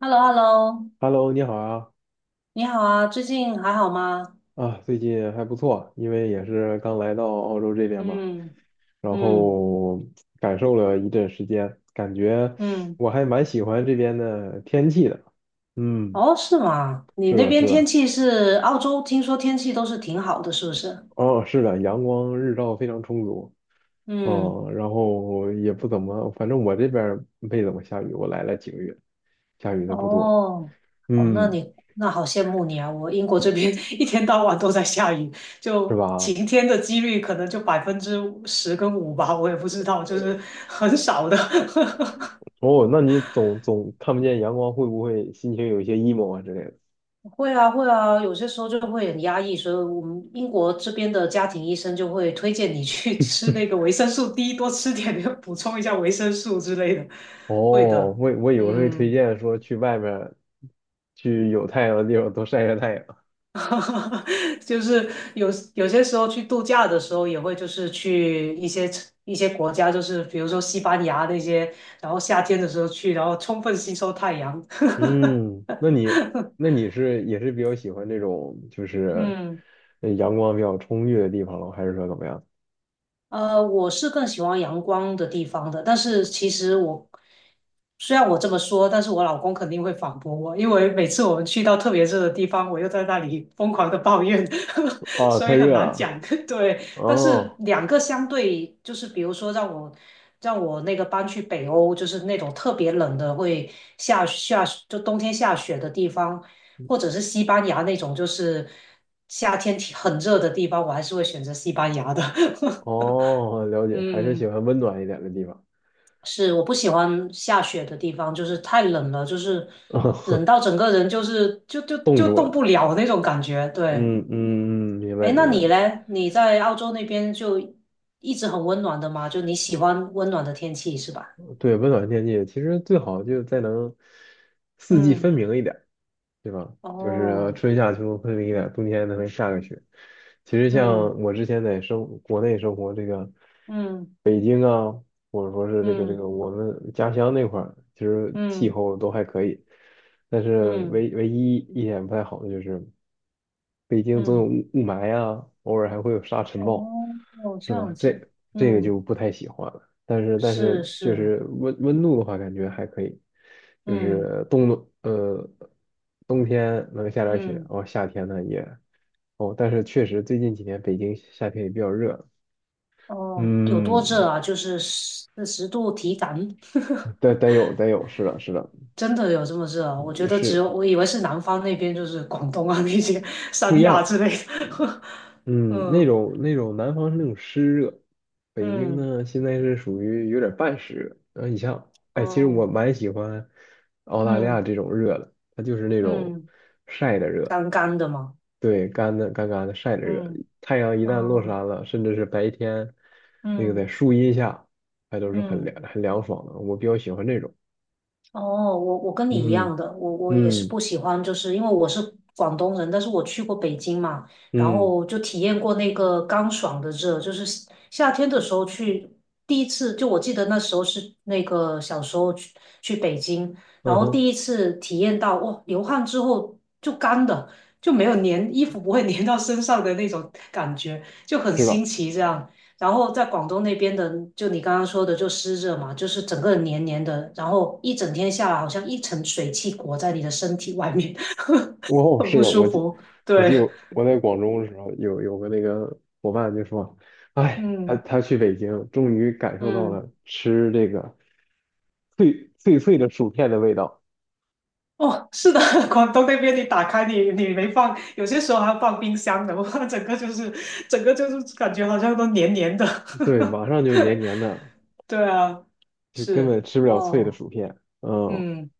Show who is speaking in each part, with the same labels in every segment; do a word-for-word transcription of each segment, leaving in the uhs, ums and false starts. Speaker 1: h e l l o h e l l o
Speaker 2: Hello，你好啊，
Speaker 1: 你好啊，最近还好吗？
Speaker 2: 啊，最近还不错，因为也是刚来到澳洲这边嘛，
Speaker 1: 嗯
Speaker 2: 然
Speaker 1: 嗯
Speaker 2: 后感受了一阵时间，感觉
Speaker 1: 嗯，
Speaker 2: 我还蛮喜欢这边的天气的。嗯，
Speaker 1: 哦，是吗？你
Speaker 2: 是
Speaker 1: 那
Speaker 2: 的，
Speaker 1: 边
Speaker 2: 是
Speaker 1: 天
Speaker 2: 的。
Speaker 1: 气是澳洲，听说天气都是挺好的，是不是？
Speaker 2: 哦，是的，阳光日照非常充足。
Speaker 1: 嗯，
Speaker 2: 嗯，然后也不怎么，反正我这边儿没怎么下雨，我来了几个月，下雨的不多。
Speaker 1: 哦哦，那
Speaker 2: 嗯，
Speaker 1: 你那好羡慕你啊！我英国这边 一天到晚都在下雨，
Speaker 2: 是
Speaker 1: 就
Speaker 2: 吧？
Speaker 1: 晴天的几率可能就百分之十跟五吧，我也不知道，就是很少的。
Speaker 2: 哦，那你总总看不见阳光，会不会心情有一些 emo 啊之类的？
Speaker 1: 会啊，会啊，有些时候就会很压抑，所以我们英国这边的家庭医生就会推荐你去 吃那个维生素 D，多吃点，补充一下维生素之类的。
Speaker 2: 哦，
Speaker 1: 会的，
Speaker 2: 我我以为会推
Speaker 1: 嗯，
Speaker 2: 荐说去外面儿去有太阳的地方多晒晒太阳。
Speaker 1: 就是有有些时候去度假的时候，也会就是去一些一些国家，就是比如说西班牙那些，然后夏天的时候去，然后充分吸收太阳。
Speaker 2: 嗯，那你那你是也是比较喜欢这种就是
Speaker 1: 嗯。
Speaker 2: 呃阳光比较充裕的地方了，还是说怎么样？
Speaker 1: 呃，我是更喜欢阳光的地方的，但是其实我虽然我这么说，但是我老公肯定会反驳我，因为每次我们去到特别热的地方，我又在那里疯狂的抱怨，
Speaker 2: 哦，
Speaker 1: 所以
Speaker 2: 太
Speaker 1: 很
Speaker 2: 热
Speaker 1: 难
Speaker 2: 了。
Speaker 1: 讲。对，但是
Speaker 2: 哦
Speaker 1: 两个相对，就是比如说让我让我那个搬去北欧，就是那种特别冷的，会下下就冬天下雪的地方，或者是西班牙那种，就是夏天挺很热的地方，我还是会选择西班牙的。
Speaker 2: 哦，了解，还是喜
Speaker 1: 嗯，
Speaker 2: 欢温暖一点的地方。
Speaker 1: 是，我不喜欢下雪的地方，就是太冷了，就是冷 到整个人就是就就
Speaker 2: 冻
Speaker 1: 就
Speaker 2: 住
Speaker 1: 动不
Speaker 2: 了。
Speaker 1: 了那种感觉。对，
Speaker 2: 嗯嗯嗯，明白
Speaker 1: 哎，那
Speaker 2: 明
Speaker 1: 你
Speaker 2: 白。
Speaker 1: 嘞？你在澳洲那边就一直很温暖的吗？就你喜欢温暖的天气是吧？
Speaker 2: 对，温暖天气其实最好就再能四季分
Speaker 1: 嗯，
Speaker 2: 明一点儿，对吧？就是
Speaker 1: 哦，
Speaker 2: 春夏秋冬分明一点儿，冬天能下个雪。其实
Speaker 1: 嗯
Speaker 2: 像我之前在生国内生活这个
Speaker 1: 嗯
Speaker 2: 北京啊，或者说是这个这
Speaker 1: 嗯
Speaker 2: 个我们家乡那块儿，其实气
Speaker 1: 嗯
Speaker 2: 候都还可以，但是
Speaker 1: 嗯
Speaker 2: 唯唯一一点不太好的就是北京总有
Speaker 1: 嗯，
Speaker 2: 雾雾霾啊，偶尔还会有沙尘暴，
Speaker 1: 哦，
Speaker 2: 是
Speaker 1: 这
Speaker 2: 吧？
Speaker 1: 样子，
Speaker 2: 这这个
Speaker 1: 嗯，
Speaker 2: 就不太喜欢了。但是但
Speaker 1: 是
Speaker 2: 是就
Speaker 1: 是，
Speaker 2: 是温温度的话，感觉还可以，就
Speaker 1: 嗯
Speaker 2: 是冬呃冬天能下点雪，然
Speaker 1: 嗯。
Speaker 2: 后夏天呢也，哦，但是确实最近几年北京夏天也比较热。
Speaker 1: 哦，有多
Speaker 2: 嗯，
Speaker 1: 热啊？就是四十度体感，
Speaker 2: 得得有得有，是的是的。
Speaker 1: 真的有这么热啊？
Speaker 2: 嗯，
Speaker 1: 我觉
Speaker 2: 也
Speaker 1: 得只
Speaker 2: 是
Speaker 1: 有我以为是南方那边，就是广东啊 那些
Speaker 2: 不一
Speaker 1: 三亚
Speaker 2: 样。
Speaker 1: 之类的。
Speaker 2: 嗯，那
Speaker 1: 嗯
Speaker 2: 种，那种南方是那种湿热，北京
Speaker 1: 嗯
Speaker 2: 呢现在是属于有点半湿热。然后你像，哎，其实我
Speaker 1: 哦
Speaker 2: 蛮喜欢澳大利
Speaker 1: 嗯
Speaker 2: 亚这种热的，它就是那种
Speaker 1: 嗯，
Speaker 2: 晒的热。
Speaker 1: 干干的嘛。
Speaker 2: 对，干的干干的晒的热，
Speaker 1: 嗯
Speaker 2: 太阳一旦落
Speaker 1: 嗯
Speaker 2: 山了，甚至是白天那个在
Speaker 1: 嗯
Speaker 2: 树荫下，还都是很
Speaker 1: 嗯。
Speaker 2: 凉很凉爽的。我比较喜欢这种。
Speaker 1: 哦，我我跟你一
Speaker 2: 嗯
Speaker 1: 样的，我我也是不
Speaker 2: 嗯
Speaker 1: 喜欢，就是因为我是广东人，但是我去过北京嘛，然
Speaker 2: 嗯，
Speaker 1: 后就体验过那个干爽的热，就是夏夏天的时候去，第一次就我记得那时候是那个小时候去去北京，然
Speaker 2: 嗯
Speaker 1: 后
Speaker 2: 哼，
Speaker 1: 第一次体验到哇，流汗之后就干的，就没有粘，衣服不会粘到身上的那种感觉，就很
Speaker 2: 知
Speaker 1: 新
Speaker 2: 道。
Speaker 1: 奇这样。然后在广东那边的，就你刚刚说的，就湿热嘛，就是整个人黏黏的，然后一整天下来，好像一层水汽裹在你的身体外面，
Speaker 2: 哦，
Speaker 1: 很
Speaker 2: 是
Speaker 1: 不
Speaker 2: 的，我
Speaker 1: 舒
Speaker 2: 记，
Speaker 1: 服。
Speaker 2: 我记得
Speaker 1: 对，
Speaker 2: 我在广州的时候，有有个那个伙伴就说，哎，他
Speaker 1: 嗯
Speaker 2: 他去北京，终于感受到
Speaker 1: 嗯，
Speaker 2: 了吃这个脆脆脆的薯片的味道。
Speaker 1: 哦，是的，广东那边你打开你你没放，有些时候还要放冰箱的，我看整个就是整个就是感觉好像都黏黏的。
Speaker 2: 对，马上就黏黏的，
Speaker 1: 对啊，
Speaker 2: 就根
Speaker 1: 是
Speaker 2: 本吃不了脆的
Speaker 1: 哦，
Speaker 2: 薯片。嗯，
Speaker 1: 嗯。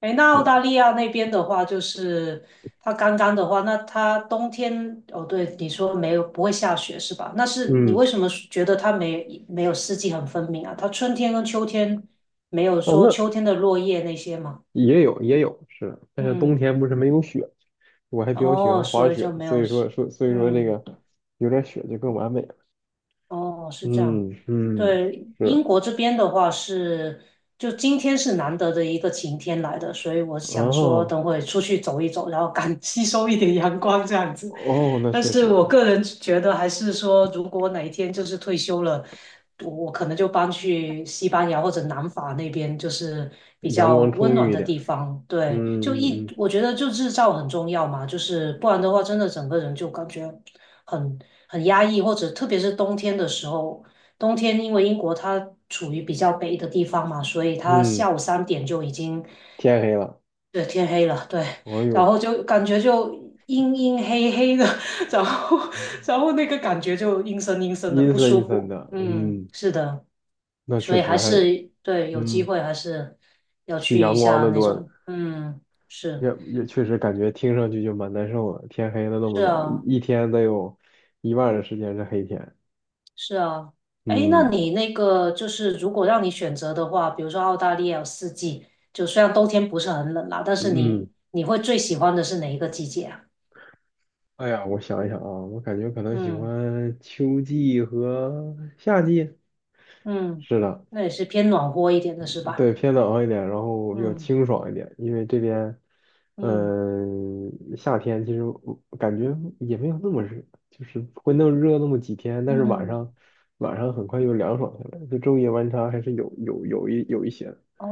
Speaker 1: 哎，那澳大利亚那边的话，就是它刚刚的话，那它冬天，哦，对，你说没有不会下雪是吧？那是你
Speaker 2: 嗯。
Speaker 1: 为什么觉得它没没有四季很分明啊？它春天跟秋天没有
Speaker 2: 哦，
Speaker 1: 说
Speaker 2: 那
Speaker 1: 秋天的落叶那些吗？
Speaker 2: 也有也有是的，但是冬
Speaker 1: 嗯，
Speaker 2: 天不是没有雪，我还比较喜
Speaker 1: 哦，
Speaker 2: 欢滑
Speaker 1: 所以就
Speaker 2: 雪，
Speaker 1: 没
Speaker 2: 所
Speaker 1: 有，
Speaker 2: 以说说所以说那
Speaker 1: 嗯。
Speaker 2: 个有点雪就更完美了。
Speaker 1: 哦，是这样。
Speaker 2: 嗯嗯，
Speaker 1: 对，
Speaker 2: 是
Speaker 1: 英
Speaker 2: 的，
Speaker 1: 国这边的话是，就今天是难得的一个晴天来的，所以我想说
Speaker 2: 哦。
Speaker 1: 等会出去走一走，然后赶 吸收一点阳光这样子。
Speaker 2: 哦，那
Speaker 1: 但
Speaker 2: 确
Speaker 1: 是
Speaker 2: 实，
Speaker 1: 我个人觉得，还是说如果哪一天就是退休了，我我可能就搬去西班牙或者南法那边，就是比
Speaker 2: 阳
Speaker 1: 较
Speaker 2: 光
Speaker 1: 温
Speaker 2: 充
Speaker 1: 暖
Speaker 2: 裕一
Speaker 1: 的
Speaker 2: 点。
Speaker 1: 地方。对，就
Speaker 2: 嗯
Speaker 1: 一
Speaker 2: 嗯
Speaker 1: 我觉得就日照很重要嘛，就是不然的话，真的整个人就感觉。很很压抑，或者特别是冬天的时候，冬天因为英国它处于比较北的地方嘛，所以它
Speaker 2: 嗯嗯，
Speaker 1: 下午三点就已经
Speaker 2: 天黑了，
Speaker 1: 对天黑了，对，
Speaker 2: 哎
Speaker 1: 然后
Speaker 2: 呦，
Speaker 1: 就感觉就阴阴黑黑的，然后然后那个感觉就阴森阴森的
Speaker 2: 阴
Speaker 1: 不
Speaker 2: 森
Speaker 1: 舒
Speaker 2: 阴森
Speaker 1: 服，
Speaker 2: 的。
Speaker 1: 嗯，
Speaker 2: 嗯，
Speaker 1: 是的，
Speaker 2: 那
Speaker 1: 所
Speaker 2: 确
Speaker 1: 以还
Speaker 2: 实还，
Speaker 1: 是对有机
Speaker 2: 嗯，
Speaker 1: 会还是要
Speaker 2: 去
Speaker 1: 去一
Speaker 2: 阳光
Speaker 1: 下
Speaker 2: 的
Speaker 1: 那
Speaker 2: 多。
Speaker 1: 种，嗯，是
Speaker 2: 也也确实感觉听上去就蛮难受的。天黑了那么
Speaker 1: 是
Speaker 2: 早，
Speaker 1: 啊。
Speaker 2: 一一天得有一半的时间是黑天。
Speaker 1: 是啊，哎，那
Speaker 2: 嗯
Speaker 1: 你那个就是如果让你选择的话，比如说澳大利亚有四季，就虽然冬天不是很冷啦，但是
Speaker 2: 嗯，嗯，
Speaker 1: 你你会最喜欢的是哪一个季节啊？
Speaker 2: 哎呀，我想一想啊，我感觉可能喜
Speaker 1: 嗯
Speaker 2: 欢秋季和夏季。
Speaker 1: 嗯，
Speaker 2: 是的。
Speaker 1: 那也是偏暖和一点的是
Speaker 2: 对，
Speaker 1: 吧？
Speaker 2: 偏冷一点，然后比较
Speaker 1: 嗯
Speaker 2: 清爽一点，因为这边，
Speaker 1: 嗯
Speaker 2: 嗯、夏天其实我感觉也没有那么热，就是会那么热那么几天，但是晚
Speaker 1: 嗯，
Speaker 2: 上晚上很快又凉爽下来，就昼夜温差还是有有有一有一些的。
Speaker 1: 哦，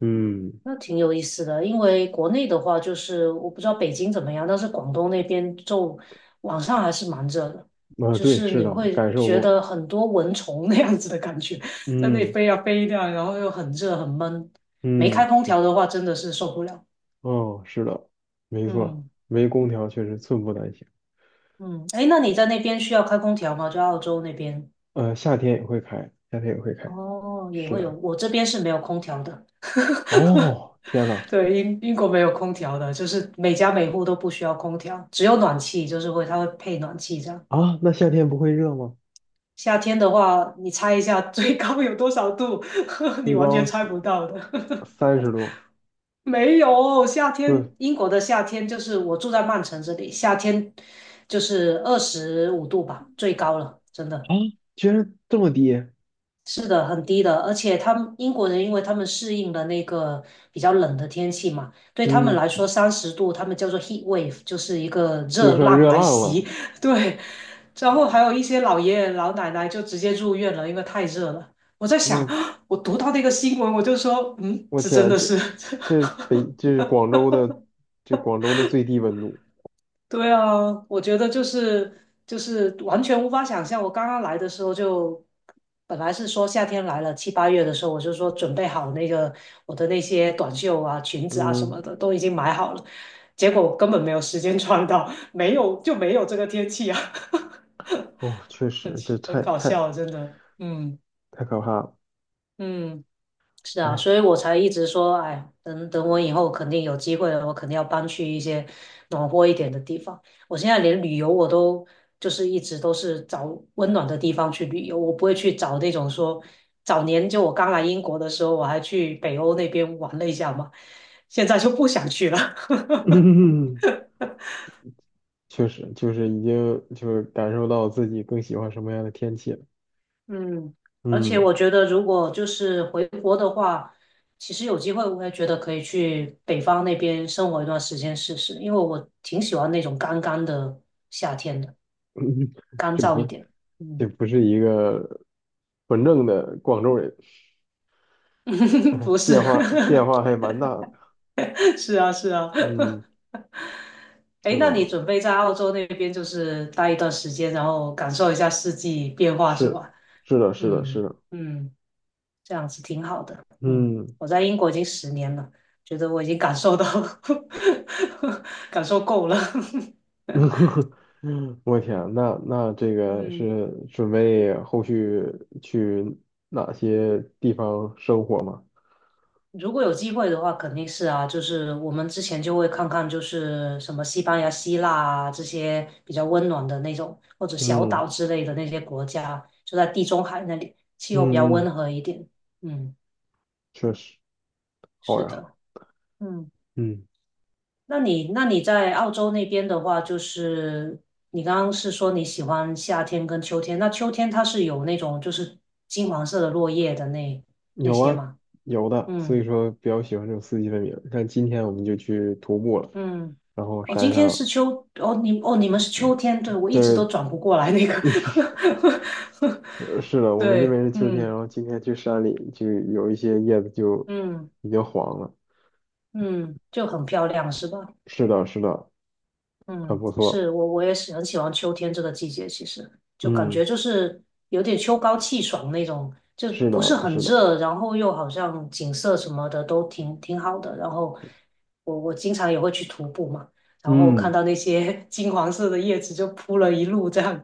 Speaker 2: 嗯，
Speaker 1: 那挺有意思的，因为国内的话，就是我不知道北京怎么样，但是广东那边就晚上还是蛮热的，
Speaker 2: 啊，
Speaker 1: 就
Speaker 2: 对，
Speaker 1: 是
Speaker 2: 是
Speaker 1: 你
Speaker 2: 的，
Speaker 1: 会
Speaker 2: 感受
Speaker 1: 觉
Speaker 2: 过。
Speaker 1: 得很多蚊虫那样子的感觉，在那里
Speaker 2: 嗯
Speaker 1: 飞啊飞呀、然后又很热很闷，没
Speaker 2: 嗯，
Speaker 1: 开空
Speaker 2: 是。
Speaker 1: 调的话真的是受不了。
Speaker 2: 哦，是的，没错，
Speaker 1: 嗯
Speaker 2: 没空调确实寸步难行。
Speaker 1: 嗯，哎，那你在那边需要开空调吗？就澳洲那边？
Speaker 2: 呃，夏天也会开，夏天也会开。
Speaker 1: 哦，也
Speaker 2: 是
Speaker 1: 会有，
Speaker 2: 的。
Speaker 1: 我这边是没有空调的。
Speaker 2: 哦，天呐。
Speaker 1: 对，英英国没有空调的，就是每家每户都不需要空调，只有暖气，就是会它会配暖气这样。
Speaker 2: 啊，那夏天不会热吗？
Speaker 1: 夏天的话，你猜一下最高有多少度？你
Speaker 2: 最
Speaker 1: 完全
Speaker 2: 高
Speaker 1: 猜
Speaker 2: 三
Speaker 1: 不到的。
Speaker 2: 三十度，
Speaker 1: 没有，夏
Speaker 2: 四，
Speaker 1: 天英国的夏天就是我住在曼城这里，夏天就是二十五度吧，最高了，真的。
Speaker 2: 啊，居然这么低！
Speaker 1: 是的，很低的，而且他们英国人，因为他们适应了那个比较冷的天气嘛，对他们
Speaker 2: 嗯，
Speaker 1: 来说，三十度他们叫做 heat wave，就是一个
Speaker 2: 就
Speaker 1: 热
Speaker 2: 算
Speaker 1: 浪
Speaker 2: 热
Speaker 1: 来
Speaker 2: 浪
Speaker 1: 袭。
Speaker 2: 了。
Speaker 1: 对，然后还有一些老爷爷老奶奶就直接入院了，因为太热了。我在想，
Speaker 2: 我
Speaker 1: 我读到那个新闻，我就说，嗯，
Speaker 2: 我
Speaker 1: 这
Speaker 2: 天
Speaker 1: 真
Speaker 2: 啊，
Speaker 1: 的
Speaker 2: 这
Speaker 1: 是
Speaker 2: 这 北这是广州的，这广州的最低温度。
Speaker 1: 对啊，我觉得就是就是完全无法想象。我刚刚来的时候就，本来是说夏天来了七八月的时候，我就说准备好那个我的那些短袖啊、裙子啊什么
Speaker 2: 嗯，
Speaker 1: 的都已经买好了，结果根本没有时间穿到，没有就没有这个天气啊，
Speaker 2: 哦，确
Speaker 1: 很
Speaker 2: 实，这
Speaker 1: 奇很
Speaker 2: 太
Speaker 1: 搞
Speaker 2: 太
Speaker 1: 笑啊，真的。嗯
Speaker 2: 太可怕了。
Speaker 1: 嗯。是啊，
Speaker 2: 哎，
Speaker 1: 所以我才一直说，哎，等等我以后肯定有机会了，我肯定要搬去一些暖和一点的地方。我现在连旅游我都就是一直都是找温暖的地方去旅游，我不会去找那种说早年就我刚来英国的时候，我还去北欧那边玩了一下嘛，现在就不想去了。
Speaker 2: 嗯，确实就是已经就是感受到自己更喜欢什么样的天气了。
Speaker 1: 嗯，而且
Speaker 2: 嗯，
Speaker 1: 我觉得，如果就是回国的话，其实有机会，我也觉得可以去北方那边生活一段时间试试，因为我挺喜欢那种干干的夏天的，
Speaker 2: 嗯，
Speaker 1: 干
Speaker 2: 这
Speaker 1: 燥一
Speaker 2: 不
Speaker 1: 点。
Speaker 2: 这
Speaker 1: 嗯，
Speaker 2: 不是一个纯正的广州人。
Speaker 1: 不 是，
Speaker 2: 变化变化还蛮大的。
Speaker 1: 是啊，是啊。
Speaker 2: 嗯，
Speaker 1: 哎，
Speaker 2: 是
Speaker 1: 那你
Speaker 2: 吧？
Speaker 1: 准备在澳洲那边就是待一段时间，然后感受一下四季变化是
Speaker 2: 是，
Speaker 1: 吧？
Speaker 2: 是的，是的，是
Speaker 1: 嗯
Speaker 2: 的。
Speaker 1: 嗯。这样子挺好的。嗯，
Speaker 2: 嗯，
Speaker 1: 我在英国已经十年了，觉得我已经感受到 感受够了。
Speaker 2: 我天啊，那那这个
Speaker 1: 嗯，
Speaker 2: 是准备后续去哪些地方生活吗？
Speaker 1: 如果有机会的话，肯定是啊，就是我们之前就会看看，就是什么西班牙、希腊啊这些比较温暖的那种，或者小
Speaker 2: 嗯
Speaker 1: 岛之类的那些国家，就在地中海那里，气候比较
Speaker 2: 嗯
Speaker 1: 温
Speaker 2: 嗯，
Speaker 1: 和一点。嗯，
Speaker 2: 确实好
Speaker 1: 是
Speaker 2: 呀。
Speaker 1: 的，嗯。
Speaker 2: 嗯，
Speaker 1: 那你那你在澳洲那边的话，就是你刚刚是说你喜欢夏天跟秋天，那秋天它是有那种就是金黄色的落叶的那那
Speaker 2: 有
Speaker 1: 些
Speaker 2: 啊，
Speaker 1: 吗？
Speaker 2: 有的，所
Speaker 1: 嗯
Speaker 2: 以说比较喜欢这种四季分明。像今天我们就去徒步了，
Speaker 1: 嗯，
Speaker 2: 然后
Speaker 1: 哦，今
Speaker 2: 山
Speaker 1: 天是
Speaker 2: 上，
Speaker 1: 秋，哦你哦你们是秋天，对，我一直
Speaker 2: 对，
Speaker 1: 都转不过来那个，
Speaker 2: 呃，是的，我们这
Speaker 1: 对，
Speaker 2: 边是秋天，然
Speaker 1: 嗯
Speaker 2: 后今天去山里就有一些叶子就
Speaker 1: 嗯
Speaker 2: 已经黄了。
Speaker 1: 嗯，就很漂亮是吧？
Speaker 2: 是的，是的，很
Speaker 1: 嗯，
Speaker 2: 不错。
Speaker 1: 是我我也是很喜欢秋天这个季节，其实就感觉
Speaker 2: 嗯，
Speaker 1: 就是有点秋高气爽那种，就
Speaker 2: 是
Speaker 1: 不是
Speaker 2: 的，
Speaker 1: 很
Speaker 2: 是的。
Speaker 1: 热，然后又好像景色什么的都挺挺好的。然后我我经常也会去徒步嘛，然后看
Speaker 2: 嗯，
Speaker 1: 到那些 金黄色的叶子就铺了一路，这样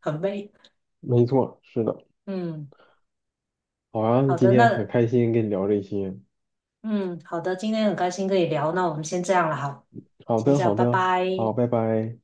Speaker 1: 很美。
Speaker 2: 没错，是的。
Speaker 1: 嗯，
Speaker 2: 好啊，
Speaker 1: 好
Speaker 2: 今
Speaker 1: 的，
Speaker 2: 天很
Speaker 1: 那
Speaker 2: 开心跟你聊这些。
Speaker 1: 嗯好的，今天很开心可以聊，那我们先这样了，哈，
Speaker 2: 好
Speaker 1: 先
Speaker 2: 的，
Speaker 1: 这
Speaker 2: 好
Speaker 1: 样，拜
Speaker 2: 的，
Speaker 1: 拜。
Speaker 2: 好，拜拜。